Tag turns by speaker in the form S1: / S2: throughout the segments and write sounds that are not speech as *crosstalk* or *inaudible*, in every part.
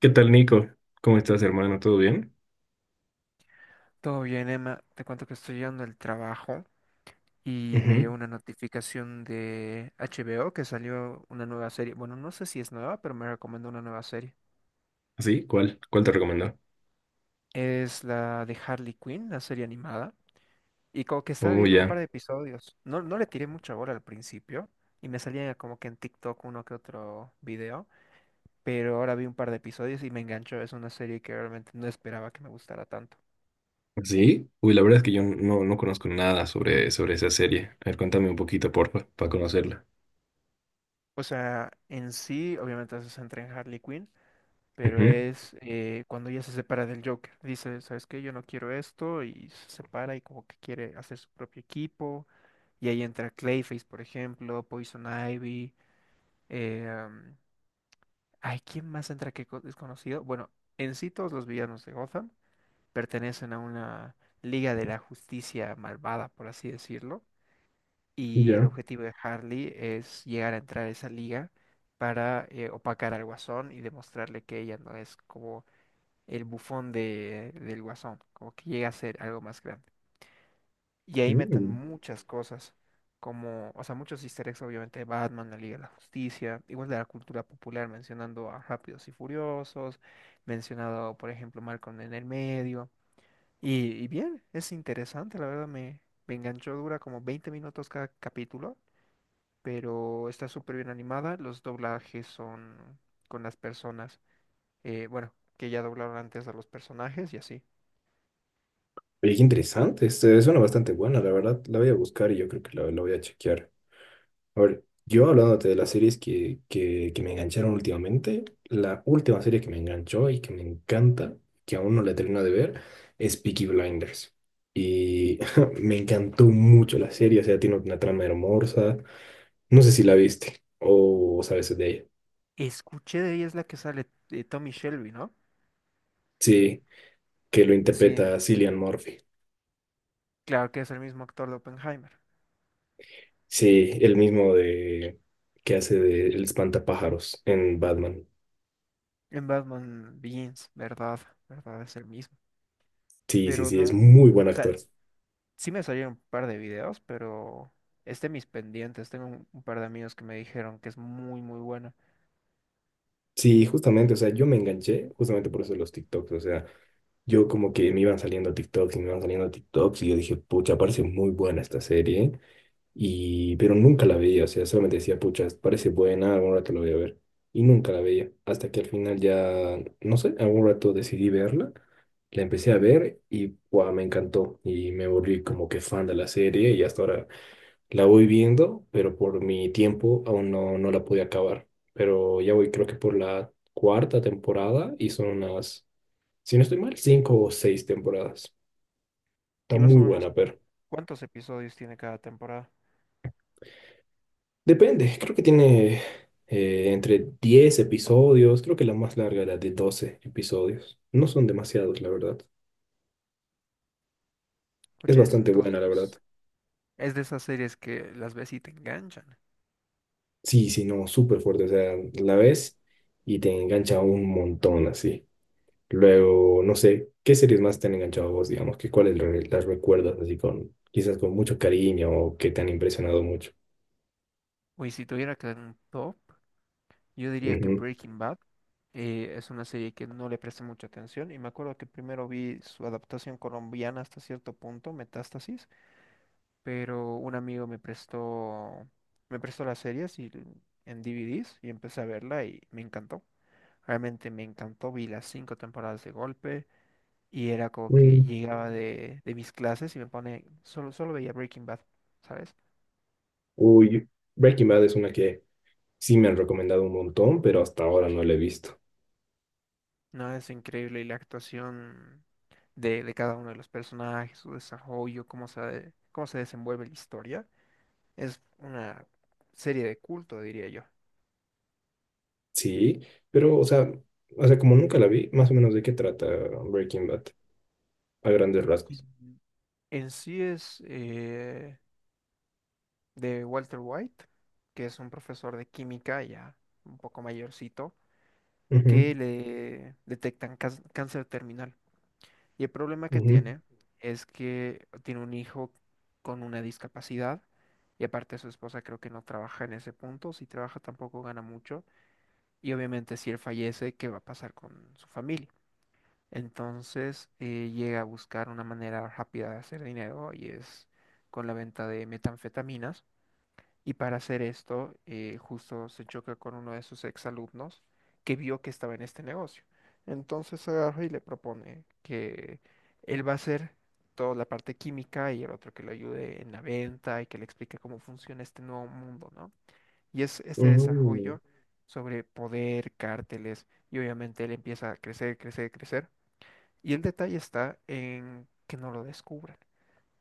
S1: ¿Qué tal, Nico? ¿Cómo estás, hermano? ¿Todo bien?
S2: Todo bien, Emma. Te cuento que estoy llegando al trabajo y me llegó
S1: Ujú.
S2: una notificación de HBO que salió una nueva serie. Bueno, no sé si es nueva, pero me recomendó una nueva serie.
S1: ¿Así? ¿Cuál? ¿Cuál te recomendó?
S2: Es la de Harley Quinn, la serie animada. Y como que estaba
S1: Oh,
S2: viendo un par
S1: ya.
S2: de episodios. No le tiré mucha bola al principio y me salía como que en TikTok uno que otro video. Pero ahora vi un par de episodios y me enganchó. Es una serie que realmente no esperaba que me gustara tanto.
S1: ¿Sí? Uy, la verdad es que yo no conozco nada sobre esa serie. A ver, cuéntame un poquito, porfa, para conocerla.
S2: O sea, en sí, obviamente se centra en Harley Quinn pero
S1: Ujú.
S2: es cuando ella se separa del Joker. Dice, ¿sabes qué? Yo no quiero esto y se separa y como que quiere hacer su propio equipo. Y ahí entra Clayface, por ejemplo, Poison Ivy. eh, am, ¿Quién más entra que desconocido? Bueno, en sí todos los villanos de Gotham pertenecen a una Liga de la Justicia malvada, por así decirlo. Y el
S1: Ya.
S2: objetivo de Harley es llegar a entrar a esa liga para opacar al Guasón y demostrarle que ella no es como el bufón del Guasón, como que llega a ser algo más grande. Y ahí metan
S1: Mm.
S2: muchas cosas, como, o sea, muchos easter eggs, obviamente, de Batman, la Liga de la Justicia, igual de la cultura popular, mencionando a Rápidos y Furiosos, mencionado, por ejemplo, Malcolm en el medio. Y bien, es interesante, la verdad, me enganchó, dura como 20 minutos cada capítulo, pero está súper bien animada, los doblajes son con las personas, bueno, que ya doblaron antes a los personajes y así.
S1: Oye, qué interesante. Este, suena bastante buena, la verdad. La voy a buscar y yo creo que la voy a chequear. A ver, yo hablándote de las series que me engancharon últimamente, la última serie que me enganchó y que me encanta, que aún no la termino de ver, es Peaky Blinders. Y *laughs* me encantó mucho la serie, o sea, tiene una trama hermosa. No sé si la viste o sabes de ella.
S2: Escuché de ella, es la que sale Tommy Shelby, ¿no?
S1: Sí, que lo
S2: Sí,
S1: interpreta Cillian Murphy.
S2: claro que es el mismo actor de Oppenheimer.
S1: Sí, el mismo de que hace de El Espantapájaros en Batman.
S2: En Batman Begins, ¿verdad? ¿Verdad? Es el mismo.
S1: Sí, sí,
S2: Pero
S1: sí, es
S2: no,
S1: muy buen
S2: o sea,
S1: actor.
S2: sí me salieron un par de videos, pero es de mis pendientes. Tengo un par de amigos que me dijeron que es muy, muy buena.
S1: Sí, justamente, o sea, yo me enganché justamente por eso de los TikToks, o sea, yo como que me iban saliendo TikToks y me iban saliendo TikToks y yo dije, pucha, parece muy buena esta serie, y pero nunca la veía, o sea, solamente decía, pucha, parece buena, algún rato la voy a ver, y nunca la veía, hasta que al final ya, no sé, algún rato decidí verla, la empecé a ver y guau, me encantó, y me volví como que fan de la serie y hasta ahora la voy viendo, pero por mi tiempo aún no la pude acabar. Pero ya voy, creo que por la cuarta temporada y son unas, si no estoy mal, cinco o seis temporadas. Está
S2: Y más
S1: muy
S2: o menos,
S1: buena, pero
S2: ¿cuántos episodios tiene cada temporada?
S1: depende. Creo que tiene entre 10 episodios. Creo que la más larga era de 12 episodios. No son demasiados, la verdad. Es
S2: Escucha eso,
S1: bastante buena, la verdad.
S2: entonces es de esas series que las ves y te enganchan.
S1: Sí, sí, no, súper fuerte. O sea, la ves y te engancha un montón así. Luego, no sé, ¿qué series más te han enganchado a vos, digamos? ¿Qué cuáles las recuerdas así con, quizás con mucho cariño o que te han impresionado mucho?
S2: Uy, si tuviera que dar un top. Yo diría que
S1: Ujú.
S2: Breaking Bad es una serie que no le presté mucha atención y me acuerdo que primero vi su adaptación colombiana hasta cierto punto, Metástasis, pero un amigo me prestó las series en DVDs y empecé a verla y me encantó. Realmente me encantó, vi las 5 temporadas de golpe y era como que
S1: Mm.
S2: llegaba de mis clases y me pone, solo veía Breaking Bad, ¿sabes?
S1: Uy, Breaking Bad es una que sí me han recomendado un montón, pero hasta ahora no la he visto.
S2: No, es increíble. Y la actuación de cada uno de los personajes, su desarrollo, cómo se desenvuelve la historia, es una serie de culto, diría yo.
S1: Sí, pero, o sea, como nunca la vi, más o menos de qué trata Breaking Bad, a grandes rasgos.
S2: Ujú. En sí es de Walter White, que es un profesor de química ya un poco mayorcito,
S1: Ujú,
S2: que le detectan cáncer terminal. Y el problema que
S1: ujú,
S2: tiene es que tiene un hijo con una discapacidad y aparte su esposa creo que no trabaja en ese punto, si trabaja tampoco gana mucho y obviamente si él fallece, ¿qué va a pasar con su familia? Entonces llega a buscar una manera rápida de hacer dinero y es con la venta de metanfetaminas y para hacer esto, justo se choca con uno de sus exalumnos que vio que estaba en este negocio. Entonces agarra y le propone que él va a hacer toda la parte química y el otro que lo ayude en la venta y que le explique cómo funciona este nuevo mundo, ¿no? Y es este
S1: ujú,
S2: desarrollo sobre poder, cárteles, y obviamente él empieza a crecer, crecer, crecer. Y el detalle está en que no lo descubran,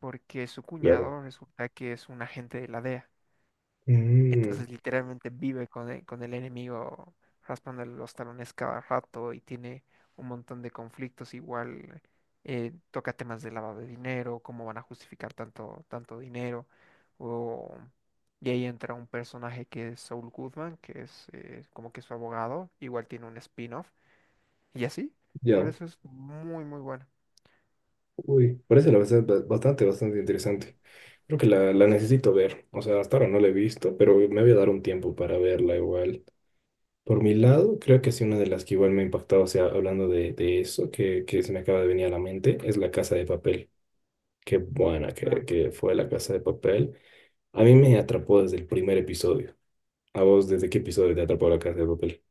S2: porque su
S1: claro.
S2: cuñado resulta que es un agente de la DEA.
S1: Mm,
S2: Entonces literalmente vive con con el enemigo raspándole los talones cada rato y tiene un montón de conflictos. Igual toca temas de lavado de dinero, cómo van a justificar tanto, tanto dinero. O... Y ahí entra un personaje que es Saul Goodman, que es como que su abogado. Igual tiene un spin-off. Y así.
S1: ya.
S2: Por eso es muy, muy bueno.
S1: Uy, parece la verdad bastante interesante. Creo que la necesito ver. O sea, hasta ahora no la he visto, pero me voy a dar un tiempo para verla igual. Por mi lado, creo que sí, una de las que igual me ha impactado, o sea, hablando de eso, que se me acaba de venir a la mente, es La Casa de Papel. Qué buena
S2: Muy
S1: que,
S2: bueno.
S1: que fue La Casa de Papel. A mí me atrapó desde el primer episodio. ¿A vos desde qué episodio te atrapó La Casa de Papel?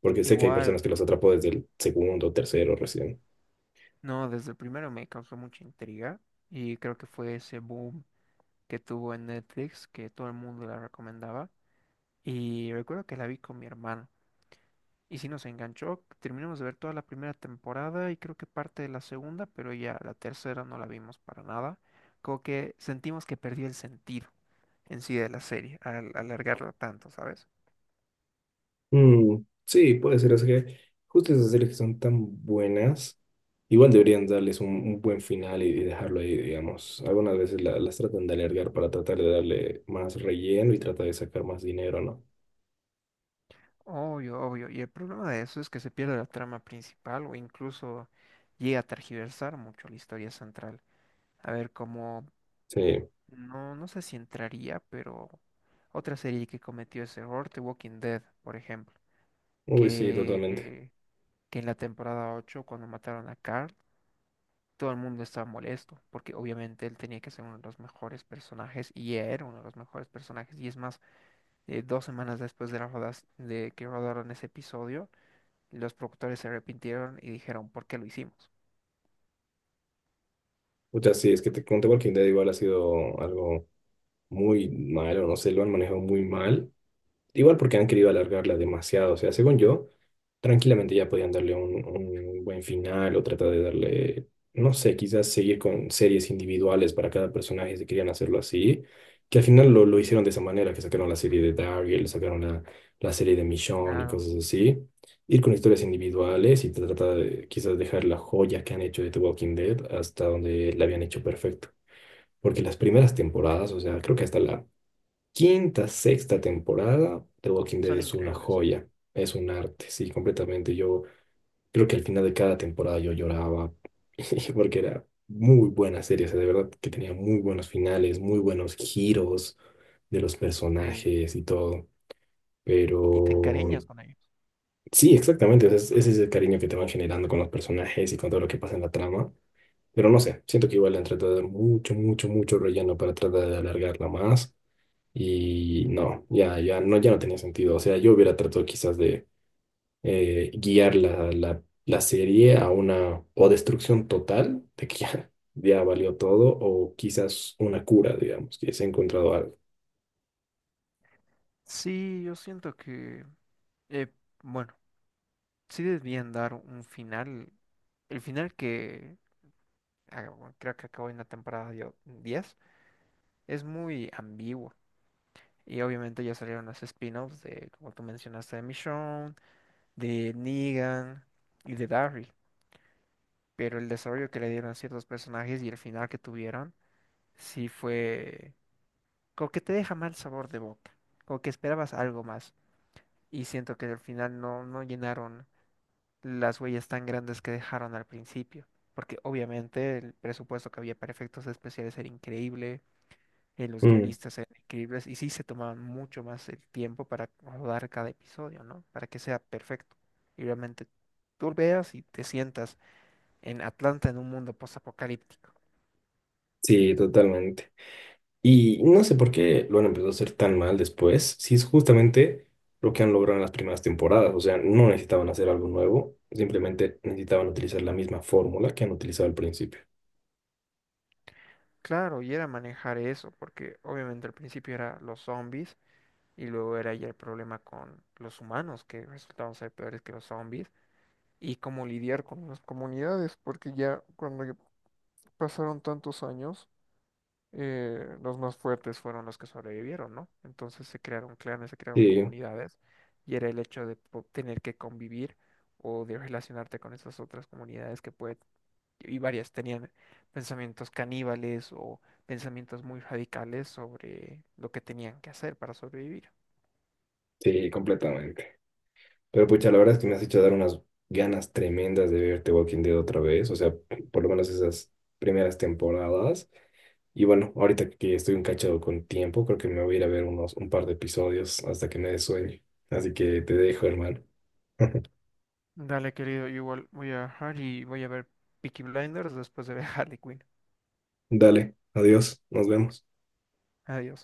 S1: Porque sé que hay
S2: Igual,
S1: personas que los atrapó desde el segundo, o tercero recién.
S2: no, desde el primero me causó mucha intriga. Y creo que fue ese boom que tuvo en Netflix, que todo el mundo la recomendaba. Y recuerdo que la vi con mi hermano. Y sí nos enganchó. Terminamos de ver toda la primera temporada y creo que parte de la segunda, pero ya la tercera no la vimos para nada. Como que sentimos que perdió el sentido en sí de la serie al alargarla tanto, ¿sabes?
S1: Mm, sí, puede ser. Es que justo esas series que son tan buenas, igual deberían darles un buen final y dejarlo ahí, digamos. Algunas veces las tratan de alargar para tratar de darle más relleno y tratar de sacar más dinero, ¿no?
S2: Obvio, obvio. Y el problema de eso es que se pierde la trama principal o incluso llega a tergiversar mucho la historia central. A ver, como
S1: Sí,
S2: no sé si entraría, pero otra serie que cometió ese error, The Walking Dead, por ejemplo,
S1: uy, sí,
S2: que,
S1: totalmente.
S2: eh, que en la temporada 8 cuando mataron a Carl, todo el mundo estaba molesto, porque obviamente él tenía que ser uno de los mejores personajes y era uno de los mejores personajes. Y es más, dos semanas después de que rodaron ese episodio, los productores se arrepintieron y dijeron, ¿por qué lo hicimos?
S1: O sea, sí, es que te conté Walking Dead igual ha sido algo muy malo, no sé, lo han manejado muy mal. Igual porque han querido alargarla demasiado. O sea, según yo, tranquilamente ya podían darle un buen final o tratar de darle, no sé, quizás seguir con series individuales para cada personaje si querían hacerlo así. Que al final lo hicieron de esa manera, que sacaron la serie de Daryl, sacaron la serie de Michonne y
S2: Claro,
S1: cosas así. Ir con historias individuales y tratar de quizás dejar la joya que han hecho de The Walking Dead hasta donde la habían hecho perfecto. Porque las primeras temporadas, o sea, creo que hasta la quinta, sexta temporada, The Walking Dead
S2: son
S1: es una
S2: increíbles.
S1: joya, es un arte, sí, completamente. Yo creo que al final de cada temporada yo lloraba *laughs* porque era muy buena serie, o sea, de verdad que tenía muy buenos finales, muy buenos giros de los
S2: Sí,
S1: personajes y todo.
S2: y te
S1: Pero
S2: encariñas con ellos.
S1: sí, exactamente, o sea, ese es el cariño que te van generando con los personajes y con todo lo que pasa en la trama. Pero no sé, siento que igual le han tratado de dar mucho, mucho, mucho relleno para tratar de alargarla más. Y no, ya, ya no tenía sentido. O sea, yo hubiera tratado quizás de guiar la serie a una o destrucción total de que ya, *laughs* ya valió todo, o quizás una cura, digamos, que se ha encontrado algo.
S2: Sí, yo siento que... eh, bueno sí debían dar un final. El final que ah, bueno, creo que acabó en la temporada 10 es muy ambiguo. Y obviamente ya salieron los spin-offs de, como tú mencionaste, de Michonne, de Negan y de Daryl. Pero el desarrollo que le dieron a ciertos personajes y el final que tuvieron, sí fue como que te deja mal sabor de boca. Como que esperabas algo más. Y siento que al final no, no llenaron las huellas tan grandes que dejaron al principio, porque obviamente el presupuesto que había para efectos especiales era increíble, los
S1: Mm,
S2: guionistas eran increíbles y sí se tomaban mucho más el tiempo para rodar cada episodio, ¿no? Para que sea perfecto. Y realmente tú veas y te sientas en Atlanta en un mundo postapocalíptico.
S1: sí, totalmente. Y no sé por qué lo han empezado a hacer tan mal después, si es justamente lo que han logrado en las primeras temporadas. O sea, no necesitaban hacer algo nuevo, simplemente necesitaban utilizar la misma fórmula que han utilizado al principio.
S2: Claro, y era manejar eso, porque obviamente al principio era los zombies y luego era ya el problema con los humanos que resultaban ser peores que los zombies. Y cómo lidiar con las comunidades, porque ya cuando ya pasaron tantos años, los más fuertes fueron los que sobrevivieron, ¿no? Entonces se crearon clanes, se crearon
S1: Sí,
S2: comunidades, y era el hecho de tener que convivir o de relacionarte con esas otras comunidades que puede, y varias tenían pensamientos caníbales o pensamientos muy radicales sobre lo que tenían que hacer para sobrevivir.
S1: sí, completamente. Pero pucha, la verdad es que me has hecho dar unas ganas tremendas de verte Walking Dead otra vez, o sea, por lo menos esas primeras temporadas. Y bueno, ahorita que estoy un cachado con tiempo, creo que me voy a ir a ver unos un par de episodios hasta que me dé sueño. Así que te dejo, hermano. *laughs*
S2: Dale, querido, igual voy a dejar y voy a ver Peaky Blinders después de ver *laughs* Harley Quinn.
S1: Dale, adiós, nos vemos.
S2: Adiós.